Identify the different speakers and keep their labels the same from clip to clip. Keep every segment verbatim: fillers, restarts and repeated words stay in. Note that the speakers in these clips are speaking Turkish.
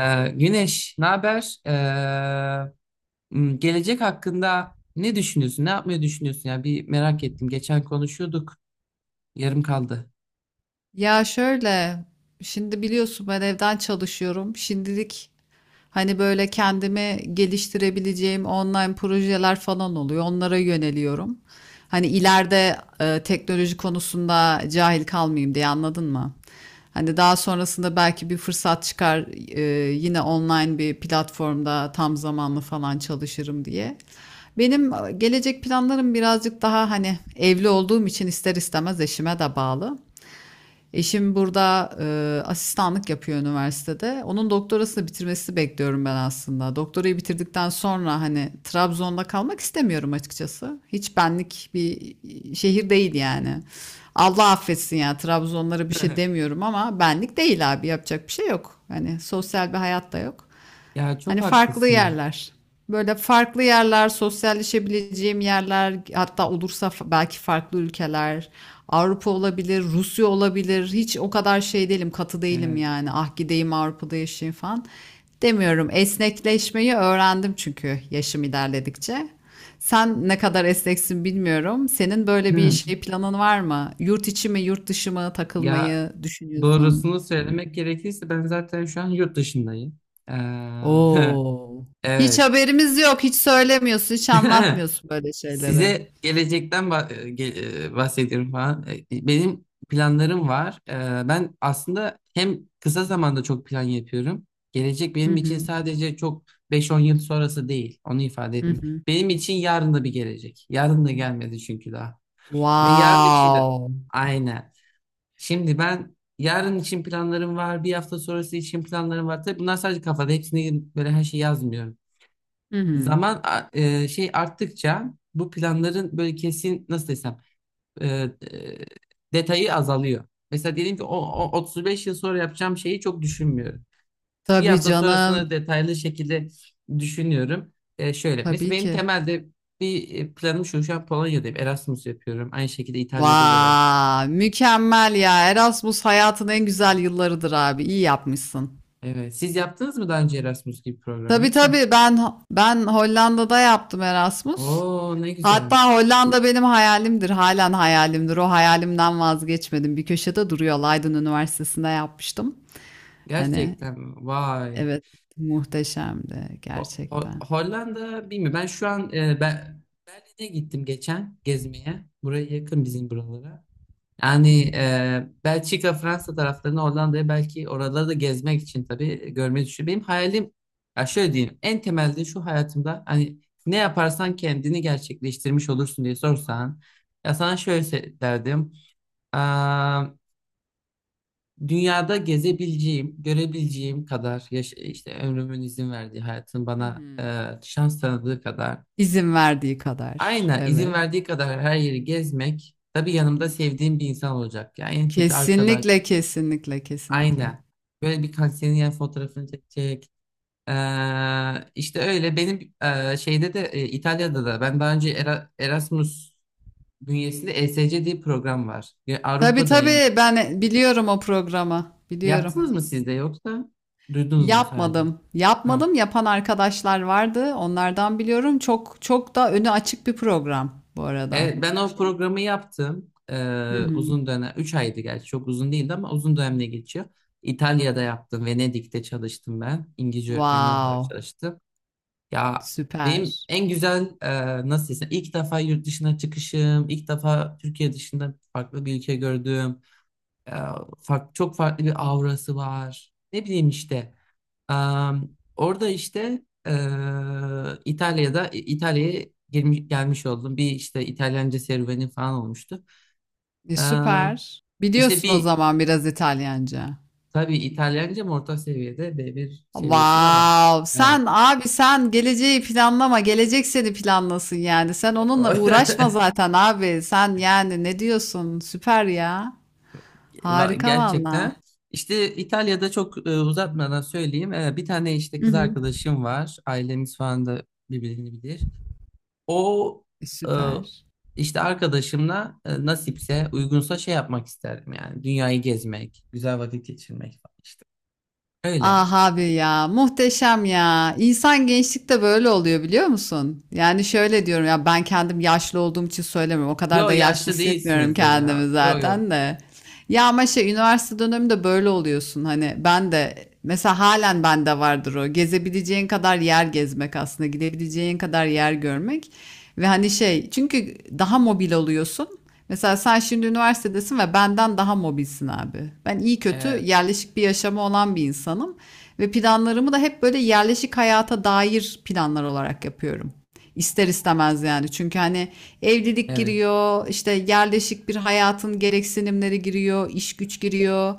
Speaker 1: Ee, Güneş, ne haber? Ee, m, gelecek hakkında ne düşünüyorsun? Ne yapmayı düşünüyorsun ya? Bir merak ettim. Geçen konuşuyorduk, yarım kaldı.
Speaker 2: Ya şöyle, şimdi biliyorsun ben evden çalışıyorum. Şimdilik hani böyle kendimi geliştirebileceğim online projeler falan oluyor. Onlara yöneliyorum. Hani ileride e, teknoloji konusunda cahil kalmayayım diye anladın mı? Hani daha sonrasında belki bir fırsat çıkar, e, yine online bir platformda tam zamanlı falan çalışırım diye. Benim e, gelecek planlarım birazcık daha hani evli olduğum için ister istemez eşime de bağlı. Eşim burada e, asistanlık yapıyor üniversitede. Onun doktorasını bitirmesini bekliyorum ben aslında. Doktorayı bitirdikten sonra hani Trabzon'da kalmak istemiyorum açıkçası. Hiç benlik bir şehir değil yani. Allah affetsin ya Trabzonlara bir şey demiyorum ama benlik değil abi yapacak bir şey yok. Hani sosyal bir hayat da yok.
Speaker 1: Ya çok
Speaker 2: Hani farklı
Speaker 1: haklısın ya.
Speaker 2: yerler. Böyle farklı yerler, sosyalleşebileceğim yerler, hatta olursa fa- belki farklı ülkeler. Avrupa olabilir, Rusya olabilir. Hiç o kadar şey değilim, katı değilim
Speaker 1: Ee,
Speaker 2: yani. Ah gideyim Avrupa'da yaşayayım falan demiyorum. Esnekleşmeyi öğrendim çünkü yaşım ilerledikçe. Sen ne kadar esneksin bilmiyorum. Senin böyle bir
Speaker 1: hı.
Speaker 2: şey planın var mı? Yurt içi mi, yurt dışı mı
Speaker 1: Ya
Speaker 2: takılmayı düşünüyorsun?
Speaker 1: doğrusunu söylemek gerekirse ben zaten şu an yurt dışındayım. Ee,
Speaker 2: Oo. Hiç
Speaker 1: evet.
Speaker 2: haberimiz yok. Hiç söylemiyorsun, hiç anlatmıyorsun böyle şeyleri.
Speaker 1: Size gelecekten bah- e, ge- e, bahsediyorum falan. E, Benim planlarım var. E, Ben aslında hem kısa zamanda çok plan yapıyorum. Gelecek
Speaker 2: Hı
Speaker 1: benim için
Speaker 2: hı.
Speaker 1: sadece çok beş on yıl sonrası değil. Onu ifade
Speaker 2: Hı
Speaker 1: etmiyor.
Speaker 2: hı.
Speaker 1: Benim için yarın da bir gelecek. Yarın da gelmedi çünkü daha. Ve yarın için de
Speaker 2: Wow.
Speaker 1: aynen. Şimdi ben yarın için planlarım var. Bir hafta sonrası için planlarım var. Tabii bunlar sadece kafada. Hepsini böyle her şeyi yazmıyorum.
Speaker 2: Hı hı.
Speaker 1: Zaman a- e, şey arttıkça bu planların böyle kesin nasıl desem e, e, detayı azalıyor. Mesela diyelim ki o, o otuz beş yıl sonra yapacağım şeyi çok düşünmüyorum. Bir
Speaker 2: Tabii
Speaker 1: hafta
Speaker 2: canım.
Speaker 1: sonrasını detaylı şekilde düşünüyorum. E, şöyle mesela
Speaker 2: Tabii
Speaker 1: benim
Speaker 2: ki.
Speaker 1: temelde bir e, planım şu, şu an Polonya'dayım, Erasmus yapıyorum. Aynı şekilde İtalya'da da Erasmus.
Speaker 2: Vay, mükemmel ya. Erasmus hayatın en güzel yıllarıdır abi. İyi yapmışsın.
Speaker 1: Evet. Siz yaptınız mı daha önce Erasmus gibi program,
Speaker 2: Tabii
Speaker 1: yoksa?
Speaker 2: tabii ben ben Hollanda'da yaptım Erasmus.
Speaker 1: Oo, ne güzel.
Speaker 2: Hatta Hollanda benim hayalimdir. Halen hayalimdir. O hayalimden vazgeçmedim. Bir köşede duruyor. Leiden Üniversitesi'nde yapmıştım. Hani
Speaker 1: Gerçekten mi? Vay.
Speaker 2: evet, muhteşemdi
Speaker 1: Ho- Ho-
Speaker 2: gerçekten.
Speaker 1: Hollanda bilmiyorum. Ben şu an e, ben Berlin'e gittim geçen gezmeye. Buraya yakın bizim buralara. Yani
Speaker 2: Hı.
Speaker 1: e, Belçika, Fransa taraflarına, Hollanda'ya, belki oraları da gezmek için tabii görmeyi düşünüyorum. Benim hayalim, ya şöyle diyeyim. En temelde şu hayatımda hani ne yaparsan kendini gerçekleştirmiş olursun diye sorsan, ya sana şöyle se- derdim. Dünyada gezebileceğim, görebileceğim kadar yaş, işte ömrümün izin verdiği, hayatın
Speaker 2: Hı
Speaker 1: bana e,
Speaker 2: hı.
Speaker 1: şans tanıdığı kadar,
Speaker 2: İzin verdiği kadar.
Speaker 1: aynen izin
Speaker 2: Evet.
Speaker 1: verdiği kadar her yeri gezmek, tabii yanımda sevdiğim bir insan olacak. Yani en kötü arkadaş,
Speaker 2: Kesinlikle, kesinlikle, kesinlikle.
Speaker 1: aynen. Böyle bir senin yani fotoğrafını çekecek. E, işte öyle benim e, şeyde de e, İtalya'da da ben daha önce Era- Erasmus bünyesinde E S C diye bir program var. Ya
Speaker 2: Tabii
Speaker 1: Avrupa'da yani.
Speaker 2: tabii ben e, biliyorum o programı. Biliyorum.
Speaker 1: Yaptınız mı siz de, yoksa duydunuz mu sadece?
Speaker 2: Yapmadım.
Speaker 1: Ha.
Speaker 2: Yapmadım. Yapan arkadaşlar vardı. Onlardan biliyorum. Çok çok da önü açık bir program bu arada.
Speaker 1: Evet, ben o
Speaker 2: Şey.
Speaker 1: programı yaptım.
Speaker 2: Hı
Speaker 1: Ee,
Speaker 2: hı.
Speaker 1: uzun dönem, üç aydı gerçi, çok uzun değildi ama uzun dönemle geçiyor. İtalya'da yaptım, Venedik'te çalıştım ben. İngilizce öğretmeni olarak
Speaker 2: Wow.
Speaker 1: çalıştım. Ya
Speaker 2: Süper.
Speaker 1: benim en güzel e, nasıl desem ilk defa yurt dışına çıkışım, ilk defa Türkiye dışında farklı bir ülke gördüm. E, fark- Çok farklı bir aurası var. Ne bileyim işte. Am, Orada işte eee, İtalya'da, İtalya'ya gelmiş, gelmiş oldum. Bir işte İtalyanca serüveni falan olmuştu.
Speaker 2: E,
Speaker 1: Eee
Speaker 2: süper.
Speaker 1: işte
Speaker 2: Biliyorsun o
Speaker 1: bir,
Speaker 2: zaman biraz İtalyanca.
Speaker 1: tabii İtalyancam orta seviyede, B bir seviyesinde var.
Speaker 2: Vav.
Speaker 1: Evet.
Speaker 2: Sen abi sen geleceği planlama. Gelecek seni planlasın yani. Sen onunla uğraşma zaten abi. Sen yani ne diyorsun? Süper ya.
Speaker 1: Va-
Speaker 2: Harika valla.
Speaker 1: Gerçekten. İşte İtalya'da çok, e, uzatmadan söyleyeyim. E, bir tane işte
Speaker 2: Hı
Speaker 1: kız
Speaker 2: hı.
Speaker 1: arkadaşım var. Ailemiz falan da birbirini bilir. O
Speaker 2: E,
Speaker 1: e,
Speaker 2: süper.
Speaker 1: işte arkadaşımla e, nasipse, uygunsa şey yapmak isterdim yani. Dünyayı gezmek, güzel vakit geçirmek falan işte. Öyle.
Speaker 2: Ah abi ya muhteşem ya. İnsan gençlikte böyle oluyor biliyor musun? Yani şöyle diyorum ya ben kendim yaşlı olduğum için söylemiyorum. O kadar
Speaker 1: Yo,
Speaker 2: da yaşlı
Speaker 1: yaşlı
Speaker 2: hissetmiyorum
Speaker 1: değilsinizdir ya.
Speaker 2: kendimi
Speaker 1: Yo yo.
Speaker 2: zaten de. Ya ama şey üniversite döneminde böyle oluyorsun. Hani ben de mesela halen bende vardır o. Gezebileceğin kadar yer gezmek aslında. Gidebileceğin kadar yer görmek. Ve hani şey çünkü daha mobil oluyorsun. Mesela sen şimdi üniversitedesin ve benden daha mobilsin abi. Ben iyi kötü
Speaker 1: Evet.
Speaker 2: yerleşik bir yaşamı olan bir insanım ve planlarımı da hep böyle yerleşik hayata dair planlar olarak yapıyorum. İster istemez yani. Çünkü hani evlilik
Speaker 1: Evet.
Speaker 2: giriyor, işte yerleşik bir hayatın gereksinimleri giriyor, iş güç giriyor.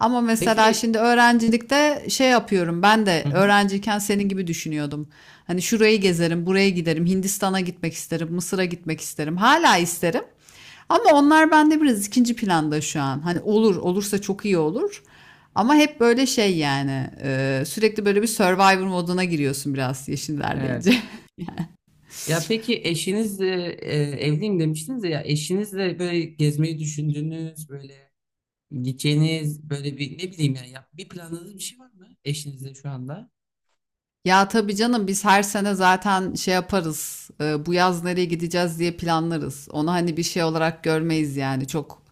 Speaker 2: Ama mesela
Speaker 1: Peki.
Speaker 2: şimdi öğrencilikte şey yapıyorum. Ben
Speaker 1: Hı
Speaker 2: de
Speaker 1: hı.
Speaker 2: öğrenciyken senin gibi düşünüyordum. Hani şurayı gezerim, buraya giderim, Hindistan'a gitmek isterim, Mısır'a gitmek isterim. Hala isterim. Ama onlar bende biraz ikinci planda şu an. Hani olur, olursa çok iyi olur. Ama hep böyle şey yani, e, sürekli böyle bir Survivor moduna giriyorsun biraz
Speaker 1: Evet.
Speaker 2: yeşillerdeyince.
Speaker 1: Ya peki eşinizle e, evliyim demiştiniz ya, eşinizle böyle gezmeyi düşündüğünüz, böyle gideceğiniz böyle bir ne bileyim yani ya, bir planladığınız bir şey var mı eşinizle şu anda?
Speaker 2: Ya tabii canım biz her sene zaten şey yaparız. E, bu yaz nereye gideceğiz diye planlarız. Onu hani bir şey olarak görmeyiz yani. Çok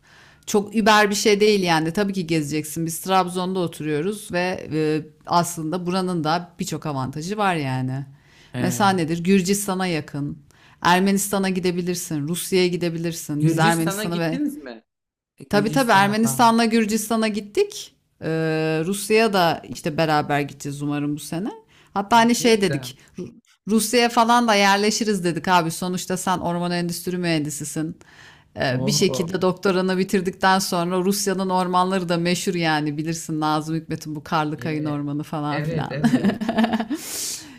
Speaker 2: çok über bir şey değil yani. Tabii ki gezeceksin. Biz Trabzon'da oturuyoruz ve e, aslında buranın da birçok avantajı var yani. Mesela
Speaker 1: Ee,
Speaker 2: nedir? Gürcistan'a yakın. Ermenistan'a gidebilirsin, Rusya'ya gidebilirsin. Biz
Speaker 1: Gürcistan'a
Speaker 2: Ermenistan'a ve
Speaker 1: gittiniz mi? E,
Speaker 2: tabii tabii
Speaker 1: Gürcistan'a falan.
Speaker 2: Ermenistan'la Gürcistan'a gittik. Ee, Rusya'ya da işte beraber gideceğiz umarım bu sene. Hatta
Speaker 1: Aa,
Speaker 2: hani
Speaker 1: ne
Speaker 2: şey
Speaker 1: güzel.
Speaker 2: dedik. Ru- Rusya'ya falan da yerleşiriz dedik abi. Sonuçta sen orman endüstri mühendisisin. Ee, bir
Speaker 1: Oo.
Speaker 2: şekilde doktoranı bitirdikten sonra Rusya'nın ormanları da meşhur yani bilirsin Nazım Hikmet'in bu karlı Karlıkayın
Speaker 1: Yeah.
Speaker 2: ormanı falan
Speaker 1: Evet,
Speaker 2: filan.
Speaker 1: evet.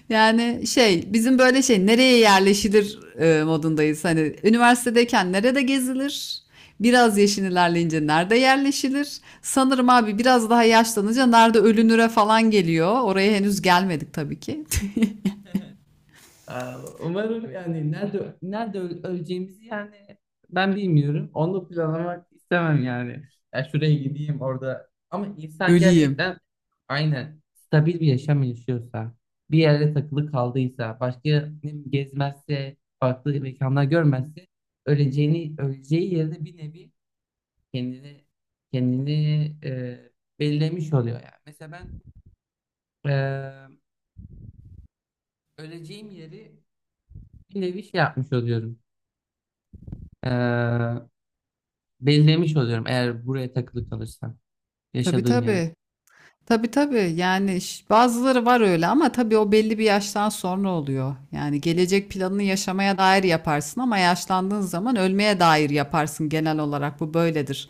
Speaker 2: Yani şey bizim böyle şey nereye yerleşilir, e, modundayız. Hani üniversitedeyken nerede gezilir? Biraz yaşın ilerleyince nerede yerleşilir? Sanırım abi biraz daha yaşlanınca nerede ölünüre falan geliyor. Oraya henüz gelmedik tabii ki.
Speaker 1: Aa, umarım yani nerede, nerede öl- öleceğimizi yani ben bilmiyorum. Onu planlamak istemem yani. Ya şuraya gideyim orada. Ama insan
Speaker 2: Öleyim.
Speaker 1: gerçekten aynen stabil bir yaşam yaşıyorsa, bir yerde takılı kaldıysa, başka ne bileyim, gezmezse, farklı mekanlar görmezse, öleceğini, öleceği yerde bir nevi kendini kendini e, belirlemiş oluyor yani. Mesela ben, Ee, öleceğim yeri bir nevi şey yapmış oluyorum. Ee, Belirlemiş oluyorum eğer buraya takılı kalırsam.
Speaker 2: Tabii
Speaker 1: Yaşadığım yeri.
Speaker 2: tabii. Tabii tabii yani ş- bazıları var öyle ama tabii o belli bir yaştan sonra oluyor. Yani gelecek planını yaşamaya dair yaparsın ama yaşlandığın zaman ölmeye dair yaparsın genel olarak bu böyledir.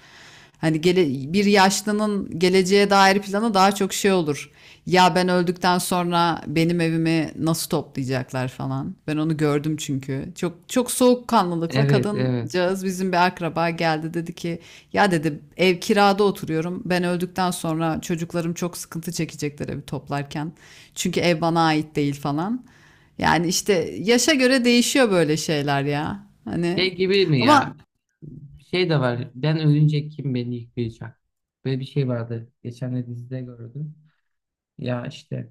Speaker 2: Hani gele, bir yaşlının geleceğe dair planı daha çok şey olur. Ya ben öldükten sonra benim evimi nasıl toplayacaklar falan. Ben onu gördüm çünkü. Çok çok soğukkanlılıkla
Speaker 1: Evet, evet.
Speaker 2: kadıncağız bizim bir akraba geldi dedi ki ya dedi ev kirada oturuyorum. Ben öldükten sonra çocuklarım çok sıkıntı çekecekler evi toplarken. Çünkü ev bana ait değil falan. Yani işte yaşa göre değişiyor böyle şeyler ya. Hani
Speaker 1: Şey gibi mi
Speaker 2: ama
Speaker 1: ya? Bir şey de var. Ben ölünce kim beni yıkayacak? Böyle bir şey vardı. Geçen de dizide gördüm. Ya işte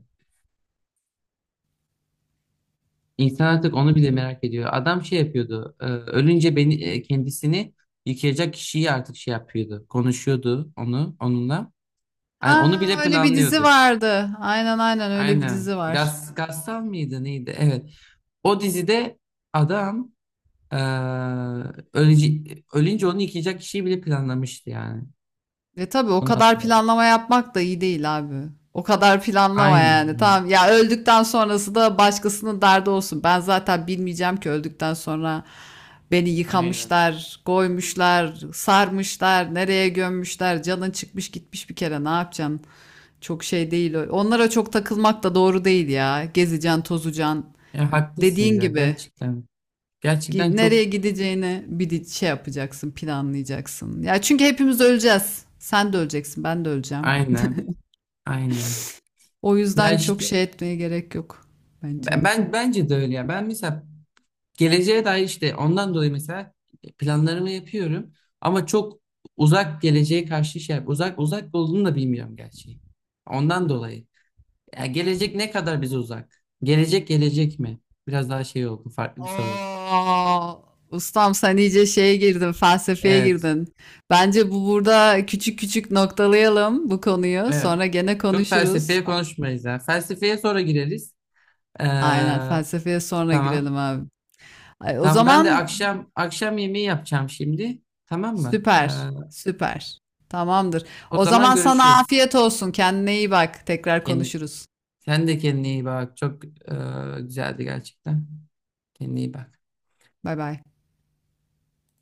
Speaker 1: İnsan artık onu bile merak ediyor. Adam şey yapıyordu. e, Ölünce beni, e, kendisini yıkayacak kişiyi artık şey yapıyordu. Konuşuyordu onu, onunla. Yani onu
Speaker 2: aa,
Speaker 1: bile
Speaker 2: öyle bir dizi
Speaker 1: planlıyordu.
Speaker 2: vardı. Aynen aynen öyle bir
Speaker 1: Aynen.
Speaker 2: dizi var.
Speaker 1: Gaz, Gassal mıydı neydi? Evet. O dizide adam, e, ölünce, ölünce onu yıkayacak kişiyi bile planlamıştı yani.
Speaker 2: Ve tabii o
Speaker 1: Onu
Speaker 2: kadar
Speaker 1: hatırladım.
Speaker 2: planlama yapmak da iyi değil abi. O kadar planlama
Speaker 1: Aynen.
Speaker 2: yani.
Speaker 1: Aynen.
Speaker 2: Tamam ya öldükten sonrası da başkasının derdi olsun. Ben zaten bilmeyeceğim ki öldükten sonra beni
Speaker 1: Aynen.
Speaker 2: yıkamışlar, koymuşlar, sarmışlar, nereye gömmüşler. Canın çıkmış gitmiş bir kere ne yapacaksın? Çok şey değil. O. Onlara çok takılmak da doğru değil ya. Gezeceksin, tozacaksın.
Speaker 1: Ya haklısınız
Speaker 2: Dediğin
Speaker 1: ya,
Speaker 2: gibi.
Speaker 1: gerçekten. Gerçekten
Speaker 2: Gi-
Speaker 1: çok
Speaker 2: Nereye gideceğini bir şey yapacaksın, planlayacaksın. Ya çünkü hepimiz öleceğiz. Sen de öleceksin, ben de öleceğim.
Speaker 1: aynen. Aynen.
Speaker 2: O
Speaker 1: Ya
Speaker 2: yüzden çok
Speaker 1: işte
Speaker 2: şey etmeye gerek yok bence.
Speaker 1: Ben, ben- bence de öyle ya. Ben mesela geleceğe dair, işte ondan dolayı mesela planlarımı yapıyorum ama çok uzak geleceğe karşı şey, uzak uzak olduğunu da bilmiyorum gerçi. Ondan dolayı. Ya gelecek ne kadar bize uzak? Gelecek gelecek mi? Biraz daha şey oldu, farklı bir soru oldu.
Speaker 2: Aa, ustam sen iyice şeye girdin, felsefeye
Speaker 1: Evet.
Speaker 2: girdin. Bence bu burada küçük küçük noktalayalım bu konuyu.
Speaker 1: Evet.
Speaker 2: Sonra gene
Speaker 1: Çok
Speaker 2: konuşuruz.
Speaker 1: felsefeye
Speaker 2: A-
Speaker 1: konuşmayız ya. Felsefeye sonra gireriz. Ee,
Speaker 2: Aynen felsefeye sonra
Speaker 1: tamam.
Speaker 2: girelim abi. Ay, o
Speaker 1: Tamam, ben de
Speaker 2: zaman
Speaker 1: akşam, akşam yemeği yapacağım şimdi. Tamam mı? Ee,
Speaker 2: süper, süper. Tamamdır.
Speaker 1: o
Speaker 2: O
Speaker 1: zaman
Speaker 2: zaman sana
Speaker 1: görüşürüz.
Speaker 2: afiyet olsun. Kendine iyi bak. Tekrar
Speaker 1: Kendine,
Speaker 2: konuşuruz.
Speaker 1: sen de kendine iyi bak. Çok e, güzeldi gerçekten. Kendine iyi bak.
Speaker 2: Bay bay.